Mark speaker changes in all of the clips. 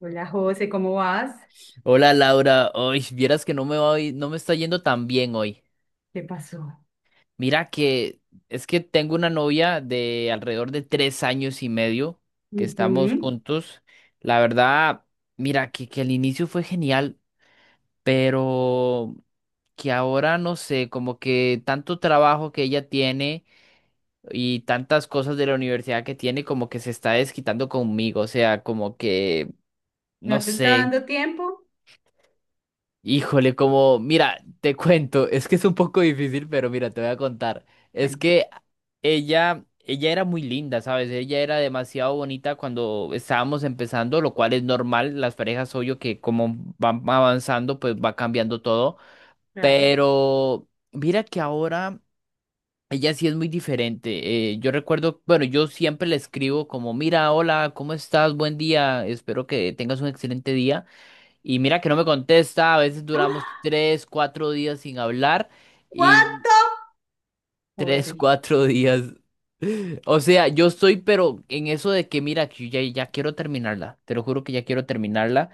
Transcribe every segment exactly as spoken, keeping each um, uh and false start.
Speaker 1: Hola José, ¿cómo vas?
Speaker 2: Hola Laura, hoy vieras que no me voy, no me está yendo tan bien hoy.
Speaker 1: ¿Qué pasó?
Speaker 2: Mira que es que tengo una novia de alrededor de tres años y medio que estamos
Speaker 1: Ujú.
Speaker 2: juntos. La verdad, mira que, que el inicio fue genial, pero que ahora no sé, como que tanto trabajo que ella tiene y tantas cosas de la universidad que tiene, como que se está desquitando conmigo. O sea, como que no
Speaker 1: ¿No te está
Speaker 2: sé.
Speaker 1: dando tiempo?
Speaker 2: Híjole, como, mira, te cuento, es que es un poco difícil, pero mira, te voy a contar. Es
Speaker 1: Bueno,
Speaker 2: que ella, ella era muy linda, ¿sabes? Ella era demasiado bonita cuando estábamos empezando, lo cual es normal, las parejas, obvio que como van avanzando, pues va cambiando todo.
Speaker 1: claro.
Speaker 2: Pero mira que ahora ella sí es muy diferente. Eh, yo recuerdo, bueno, yo siempre le escribo como, mira, hola, ¿cómo estás? Buen día, espero que tengas un excelente día. Y mira que no me contesta, a veces duramos
Speaker 1: ¡Ah!
Speaker 2: tres, cuatro días sin hablar y
Speaker 1: ¿Cuánto?
Speaker 2: tres,
Speaker 1: José.
Speaker 2: cuatro días. O sea, yo estoy, pero en eso de que mira, que yo ya, ya quiero terminarla, te lo juro que ya quiero terminarla,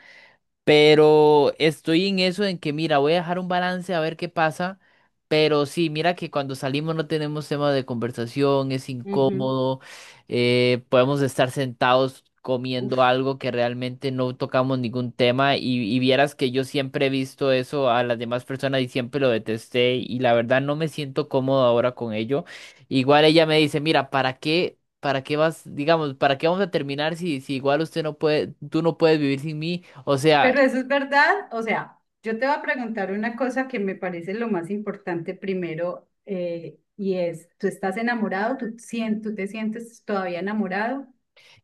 Speaker 2: pero estoy en eso en que, mira, voy a dejar un balance a ver qué pasa. Pero sí, mira que cuando salimos no tenemos tema de conversación, es
Speaker 1: Ujú.
Speaker 2: incómodo. Eh, podemos estar sentados comiendo
Speaker 1: Uf.
Speaker 2: algo que realmente no tocamos ningún tema, y, y vieras que yo siempre he visto eso a las demás personas y siempre lo detesté, y la verdad no me siento cómodo ahora con ello. Igual ella me dice, mira, ¿para qué? ¿Para qué vas, digamos, para qué vamos a terminar si, si igual usted no puede, tú no puedes vivir sin mí? O sea,
Speaker 1: Pero eso es verdad. O sea, yo te voy a preguntar una cosa que me parece lo más importante primero eh, y es, ¿tú estás enamorado? ¿Tú, sien- tú te sientes todavía enamorado?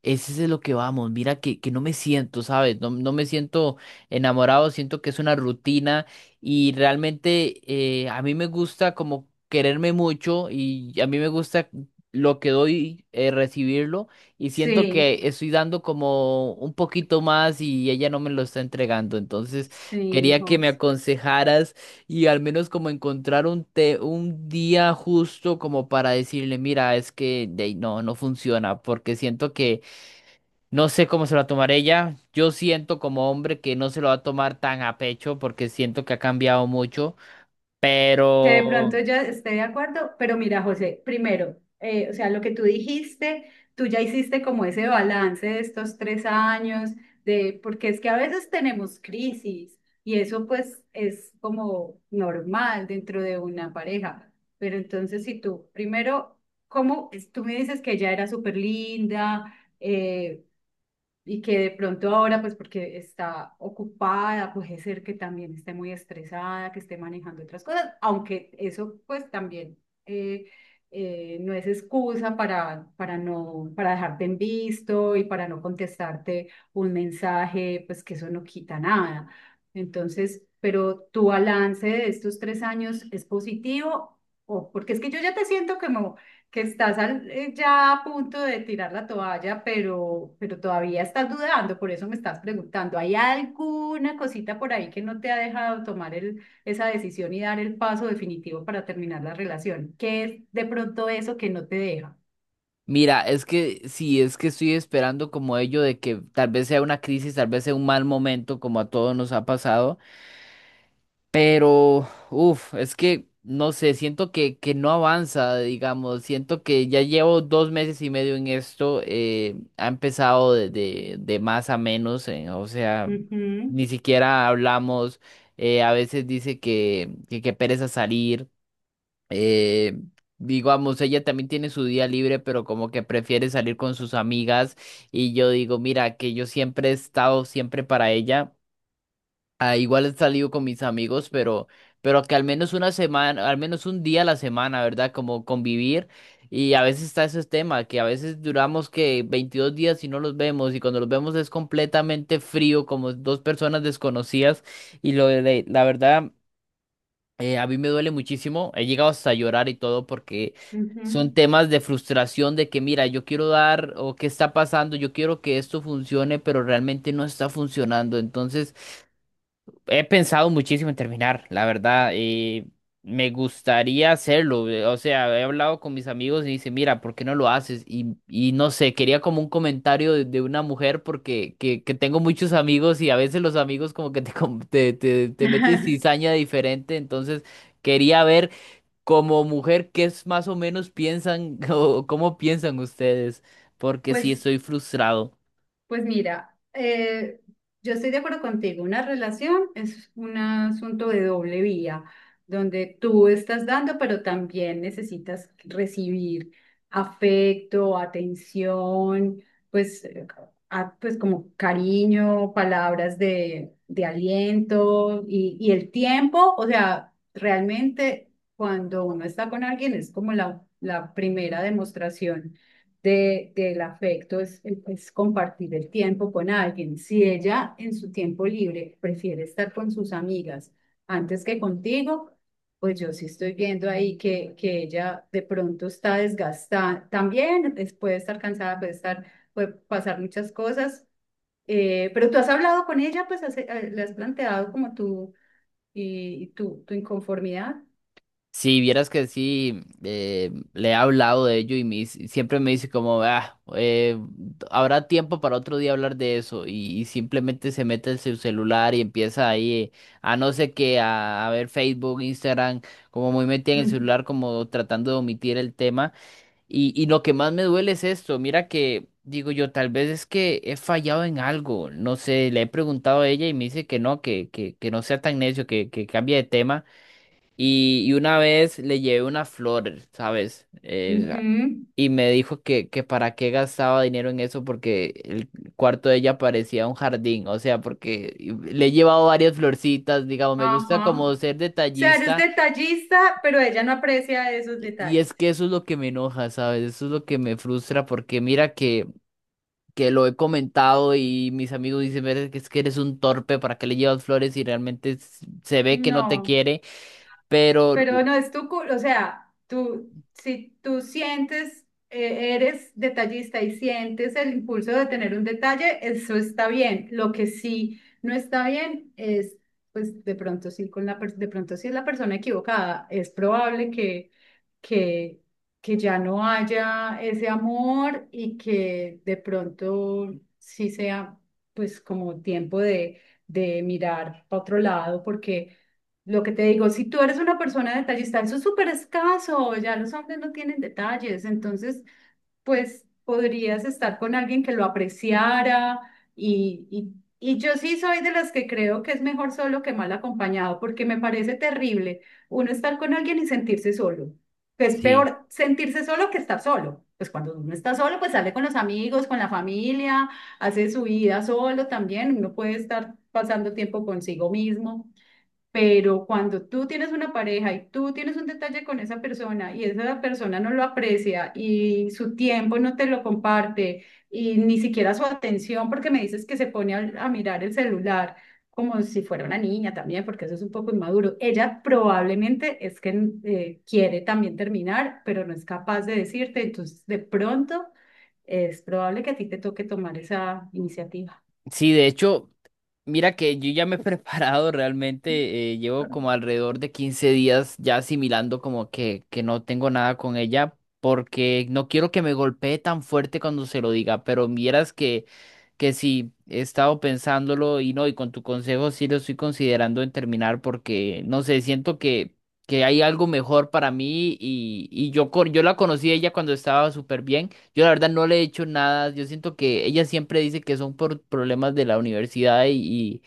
Speaker 2: ese es de lo que vamos. Mira que, que no me siento, ¿sabes? No, no me siento enamorado, siento que es una rutina y realmente, eh, a mí me gusta como quererme mucho, y a mí me gusta lo que doy, eh, recibirlo, y siento
Speaker 1: Sí,
Speaker 2: que estoy dando como un poquito más y ella no me lo está entregando. Entonces
Speaker 1: sí,
Speaker 2: quería que me
Speaker 1: José.
Speaker 2: aconsejaras y al menos como encontrar un, te- un día justo como para decirle, mira, es que de ahí no, no funciona porque siento que... No sé cómo se lo va a tomar ella. Yo siento como hombre que no se lo va a tomar tan a pecho porque siento que ha cambiado mucho.
Speaker 1: Que de
Speaker 2: Pero
Speaker 1: pronto ya esté de acuerdo, pero mira, José, primero, eh, o sea, lo que tú dijiste, tú ya hiciste como ese balance de estos tres años, de, porque es que a veces tenemos crisis y eso pues es como normal dentro de una pareja, pero entonces si tú, primero, ¿cómo? es- Tú me dices que ella era súper linda, y que de pronto ahora, pues porque está ocupada, puede ser que también esté muy estresada, que esté manejando otras cosas, aunque eso pues también, eh, eh, no es excusa para, para no, para dejarte en visto y para no contestarte un mensaje, pues que eso no quita nada. Entonces, pero tu balance de estos tres años es positivo. O, porque es que yo ya te siento como que estás al- eh, ya a punto de tirar la toalla, pero, pero todavía estás dudando, por eso me estás preguntando, ¿hay alguna cosita por ahí que no te ha dejado tomar el, esa decisión y dar el paso definitivo para terminar la relación? ¿Qué es de pronto eso que no te deja?
Speaker 2: mira, es que sí, es que estoy esperando como ello de que tal vez sea una crisis, tal vez sea un mal momento como a todos nos ha pasado. Pero, uff, es que, no sé, siento que, que no avanza, digamos, siento que ya llevo dos meses y medio en esto, eh, ha empezado de, de, de más a menos, eh, o sea,
Speaker 1: Ujú,
Speaker 2: ni siquiera hablamos, eh, a veces dice que, que, que pereza salir, eh, digamos, ella también tiene su día libre, pero como que prefiere salir con sus amigas, y yo digo, mira, que yo siempre he estado siempre para ella. Ah, igual he salido con mis amigos, pero, pero que al menos una semana, al menos un día a la semana, ¿verdad? Como convivir. Y a veces está ese tema, que a veces duramos que veintidós días y no los vemos, y cuando los vemos es completamente frío, como dos personas desconocidas. Y lo de, de- la verdad, eh, a mí me duele muchísimo. He llegado hasta a llorar y todo porque
Speaker 1: ujú.
Speaker 2: son temas de frustración, de que mira, yo quiero dar, o qué está pasando, yo quiero que esto funcione, pero realmente no está funcionando. Entonces, he pensado muchísimo en terminar, la verdad. Eh, me gustaría hacerlo. eh, O sea, he hablado con mis amigos y dice, mira, ¿por qué no lo haces? Y y no sé, quería como un comentario de, de una mujer, porque que, que tengo muchos amigos y a veces los amigos como que te, com- te, te, te meten cizaña diferente. Entonces, quería ver como mujer qué es más o menos piensan o cómo piensan ustedes, porque sí
Speaker 1: Pues
Speaker 2: estoy frustrado.
Speaker 1: Pues mira, eh, yo estoy de acuerdo contigo, una relación es un asunto de doble vía, donde tú estás dando, pero también necesitas recibir afecto, atención, pues, eh, a- pues como cariño, palabras de, de aliento y, y el tiempo, o sea, realmente cuando uno está con alguien es como la, la primera demostración de, del afecto es, es compartir el tiempo con alguien. Si ella en su tiempo libre prefiere estar con sus amigas antes que contigo, pues yo sí estoy viendo ahí que, que ella de pronto está desgastada. También es- puede estar cansada, puede estar, puede pasar muchas cosas. Eh, pero tú has hablado con ella, pues has- eh, le has planteado como tú y, y tu, tu inconformidad.
Speaker 2: Si vieras que sí, eh, le he hablado de ello y me dice, siempre me dice como, ah, eh, habrá tiempo para otro día hablar de eso, y, y simplemente se mete en su celular y empieza ahí, eh, a no sé qué, a, a ver Facebook, Instagram, como muy metida en el
Speaker 1: Mm,
Speaker 2: celular, como tratando de omitir el tema. Y, y lo que más me duele es esto, mira que, digo yo, tal vez es que he fallado en algo, no sé, le he preguntado a ella y me dice que no, que, que, que no sea tan necio, que, que cambie de tema. Y, y una vez le llevé una flor, ¿sabes? Eh,
Speaker 1: ujú.
Speaker 2: y me dijo que, que para qué gastaba dinero en eso porque el cuarto de ella parecía un jardín, o sea, porque le he llevado varias florcitas, digamos, me gusta como
Speaker 1: Ajá.
Speaker 2: ser
Speaker 1: Sea, eres
Speaker 2: detallista.
Speaker 1: detallista, pero ella no aprecia esos
Speaker 2: Y es
Speaker 1: detalles.
Speaker 2: que eso es lo que me enoja, ¿sabes? Eso es lo que me frustra porque mira que, que lo he comentado y mis amigos dicen, "Ver, es que eres un torpe, ¿para qué le llevas flores y realmente s- se ve que no te
Speaker 1: No,
Speaker 2: quiere?" Pero u-
Speaker 1: pero no es tu cul- o sea, tú, si tú sientes, eh, eres detallista y sientes el impulso de tener un detalle, eso está bien. Lo que sí no está bien es, pues de pronto sí, con la, per- de pronto sí es la persona equivocada. Es probable que, que, que ya no haya ese amor y que de pronto sí sea, pues como tiempo de, de mirar para otro lado, porque... Lo que te digo, si tú eres una persona detallista, eso es súper escaso, ya los hombres no tienen detalles, entonces pues podrías estar con alguien que lo apreciara y, y, y yo sí soy de las que creo que es mejor solo que mal acompañado, porque me parece terrible uno estar con alguien y sentirse solo, que es
Speaker 2: sí,
Speaker 1: peor sentirse solo que estar solo. Pues cuando uno está solo, pues sale con los amigos, con la familia, hace su vida solo también, uno puede estar pasando tiempo consigo mismo. Pero cuando tú tienes una pareja y tú tienes un detalle con esa persona y esa persona no lo aprecia y su tiempo no te lo comparte y ni siquiera su atención, porque me dices que se pone a, a mirar el celular como si fuera una niña también, porque eso es un poco inmaduro. Ella probablemente es que eh, quiere también terminar, pero no es capaz de decirte, entonces de pronto es probable que a ti te toque tomar esa iniciativa.
Speaker 2: sí, de hecho... Mira que yo ya me he preparado realmente, eh, llevo como alrededor de quince días ya asimilando como que, que no tengo nada con ella porque no quiero que me golpee tan fuerte cuando se lo diga, pero vieras que, que sí, he estado pensándolo, y no, y con tu consejo sí lo estoy considerando en terminar porque, no sé, siento que, que hay algo mejor para mí, y, y yo, con- yo la conocí a ella cuando estaba súper bien. Yo la verdad no le he hecho nada. Yo siento que ella siempre dice que son por problemas de la universidad y,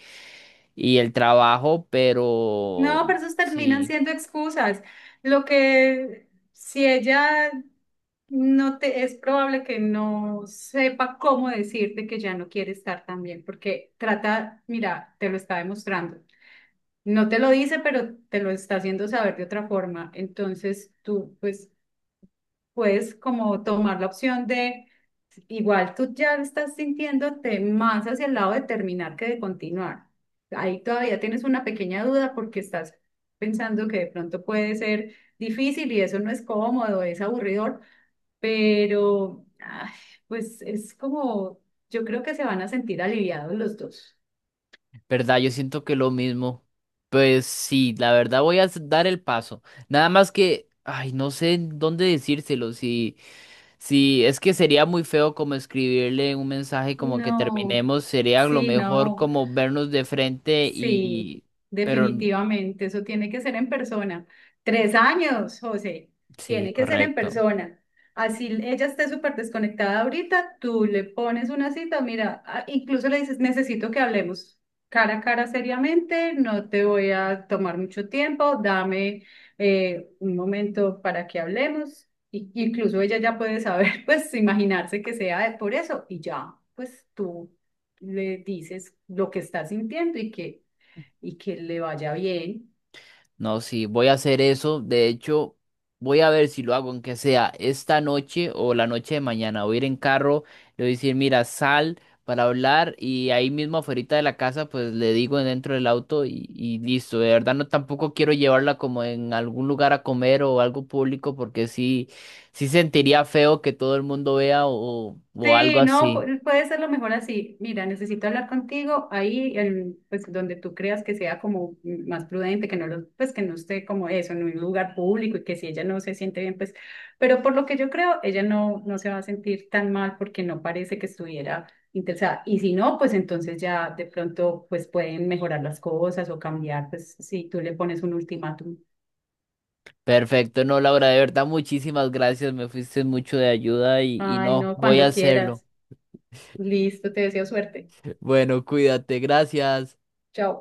Speaker 2: y el trabajo, pero
Speaker 1: No, pero esos terminan
Speaker 2: sí,
Speaker 1: siendo excusas. Lo que si ella no te es probable que no sepa cómo decirte que ya no quiere estar también, porque trata, mira, te lo está demostrando. No te lo dice, pero te lo está haciendo saber de otra forma. Entonces tú, pues, puedes como tomar la opción de, igual tú ya estás sintiéndote más hacia el lado de terminar que de continuar. Ahí todavía tienes una pequeña duda porque estás pensando que de pronto puede ser difícil y eso no es cómodo, es aburridor, pero ay, pues es como, yo creo que se van a sentir aliviados los dos.
Speaker 2: verdad, yo siento que lo mismo. Pues sí, la verdad voy a s- dar el paso. Nada más que, ay, no sé en dónde decírselo, si, si es que sería muy feo como escribirle un mensaje como que
Speaker 1: No,
Speaker 2: terminemos, sería lo
Speaker 1: sí,
Speaker 2: mejor
Speaker 1: no.
Speaker 2: como vernos de frente,
Speaker 1: Sí,
Speaker 2: y, pero
Speaker 1: definitivamente, eso tiene que ser en persona. Tres años, José,
Speaker 2: sí,
Speaker 1: tiene que ser en
Speaker 2: correcto.
Speaker 1: persona. Así ella esté súper desconectada ahorita, tú le pones una cita, mira, a- incluso le dices, necesito que hablemos cara a cara seriamente, no te voy a tomar mucho tiempo, dame eh, un momento para que hablemos. Y, incluso ella ya puede saber, pues imaginarse que sea por eso y ya, pues tú le dices lo que estás sintiendo y que y que le vaya bien.
Speaker 2: No, sí, voy a hacer eso. De hecho, voy a ver si lo hago, aunque sea esta noche o la noche de mañana. Voy a ir en carro, le voy a decir, mira, sal para hablar, y ahí mismo afuera de la casa, pues le digo dentro del auto, y, y listo. De verdad, no tampoco quiero llevarla como en algún lugar a comer o algo público porque sí, sí sentiría feo que todo el mundo vea o, o algo
Speaker 1: Sí, no,
Speaker 2: así.
Speaker 1: pu- puede ser lo mejor así. Mira, necesito hablar contigo ahí, en, pues donde tú creas que sea como más prudente, que no lo, pues que no esté como eso, en un lugar público y que si ella no se siente bien, pues, pero por lo que yo creo, ella no, no se va a sentir tan mal porque no parece que estuviera interesada. Y si no, pues entonces ya de pronto, pues pueden mejorar las cosas o cambiar, pues si tú le pones un ultimátum.
Speaker 2: Perfecto, no, Laura, de verdad, muchísimas gracias. Me fuiste mucho de ayuda, y, y
Speaker 1: Ay,
Speaker 2: no,
Speaker 1: no,
Speaker 2: voy a
Speaker 1: cuando
Speaker 2: hacerlo.
Speaker 1: quieras. Listo, te deseo suerte.
Speaker 2: Bueno, cuídate, gracias.
Speaker 1: Chao.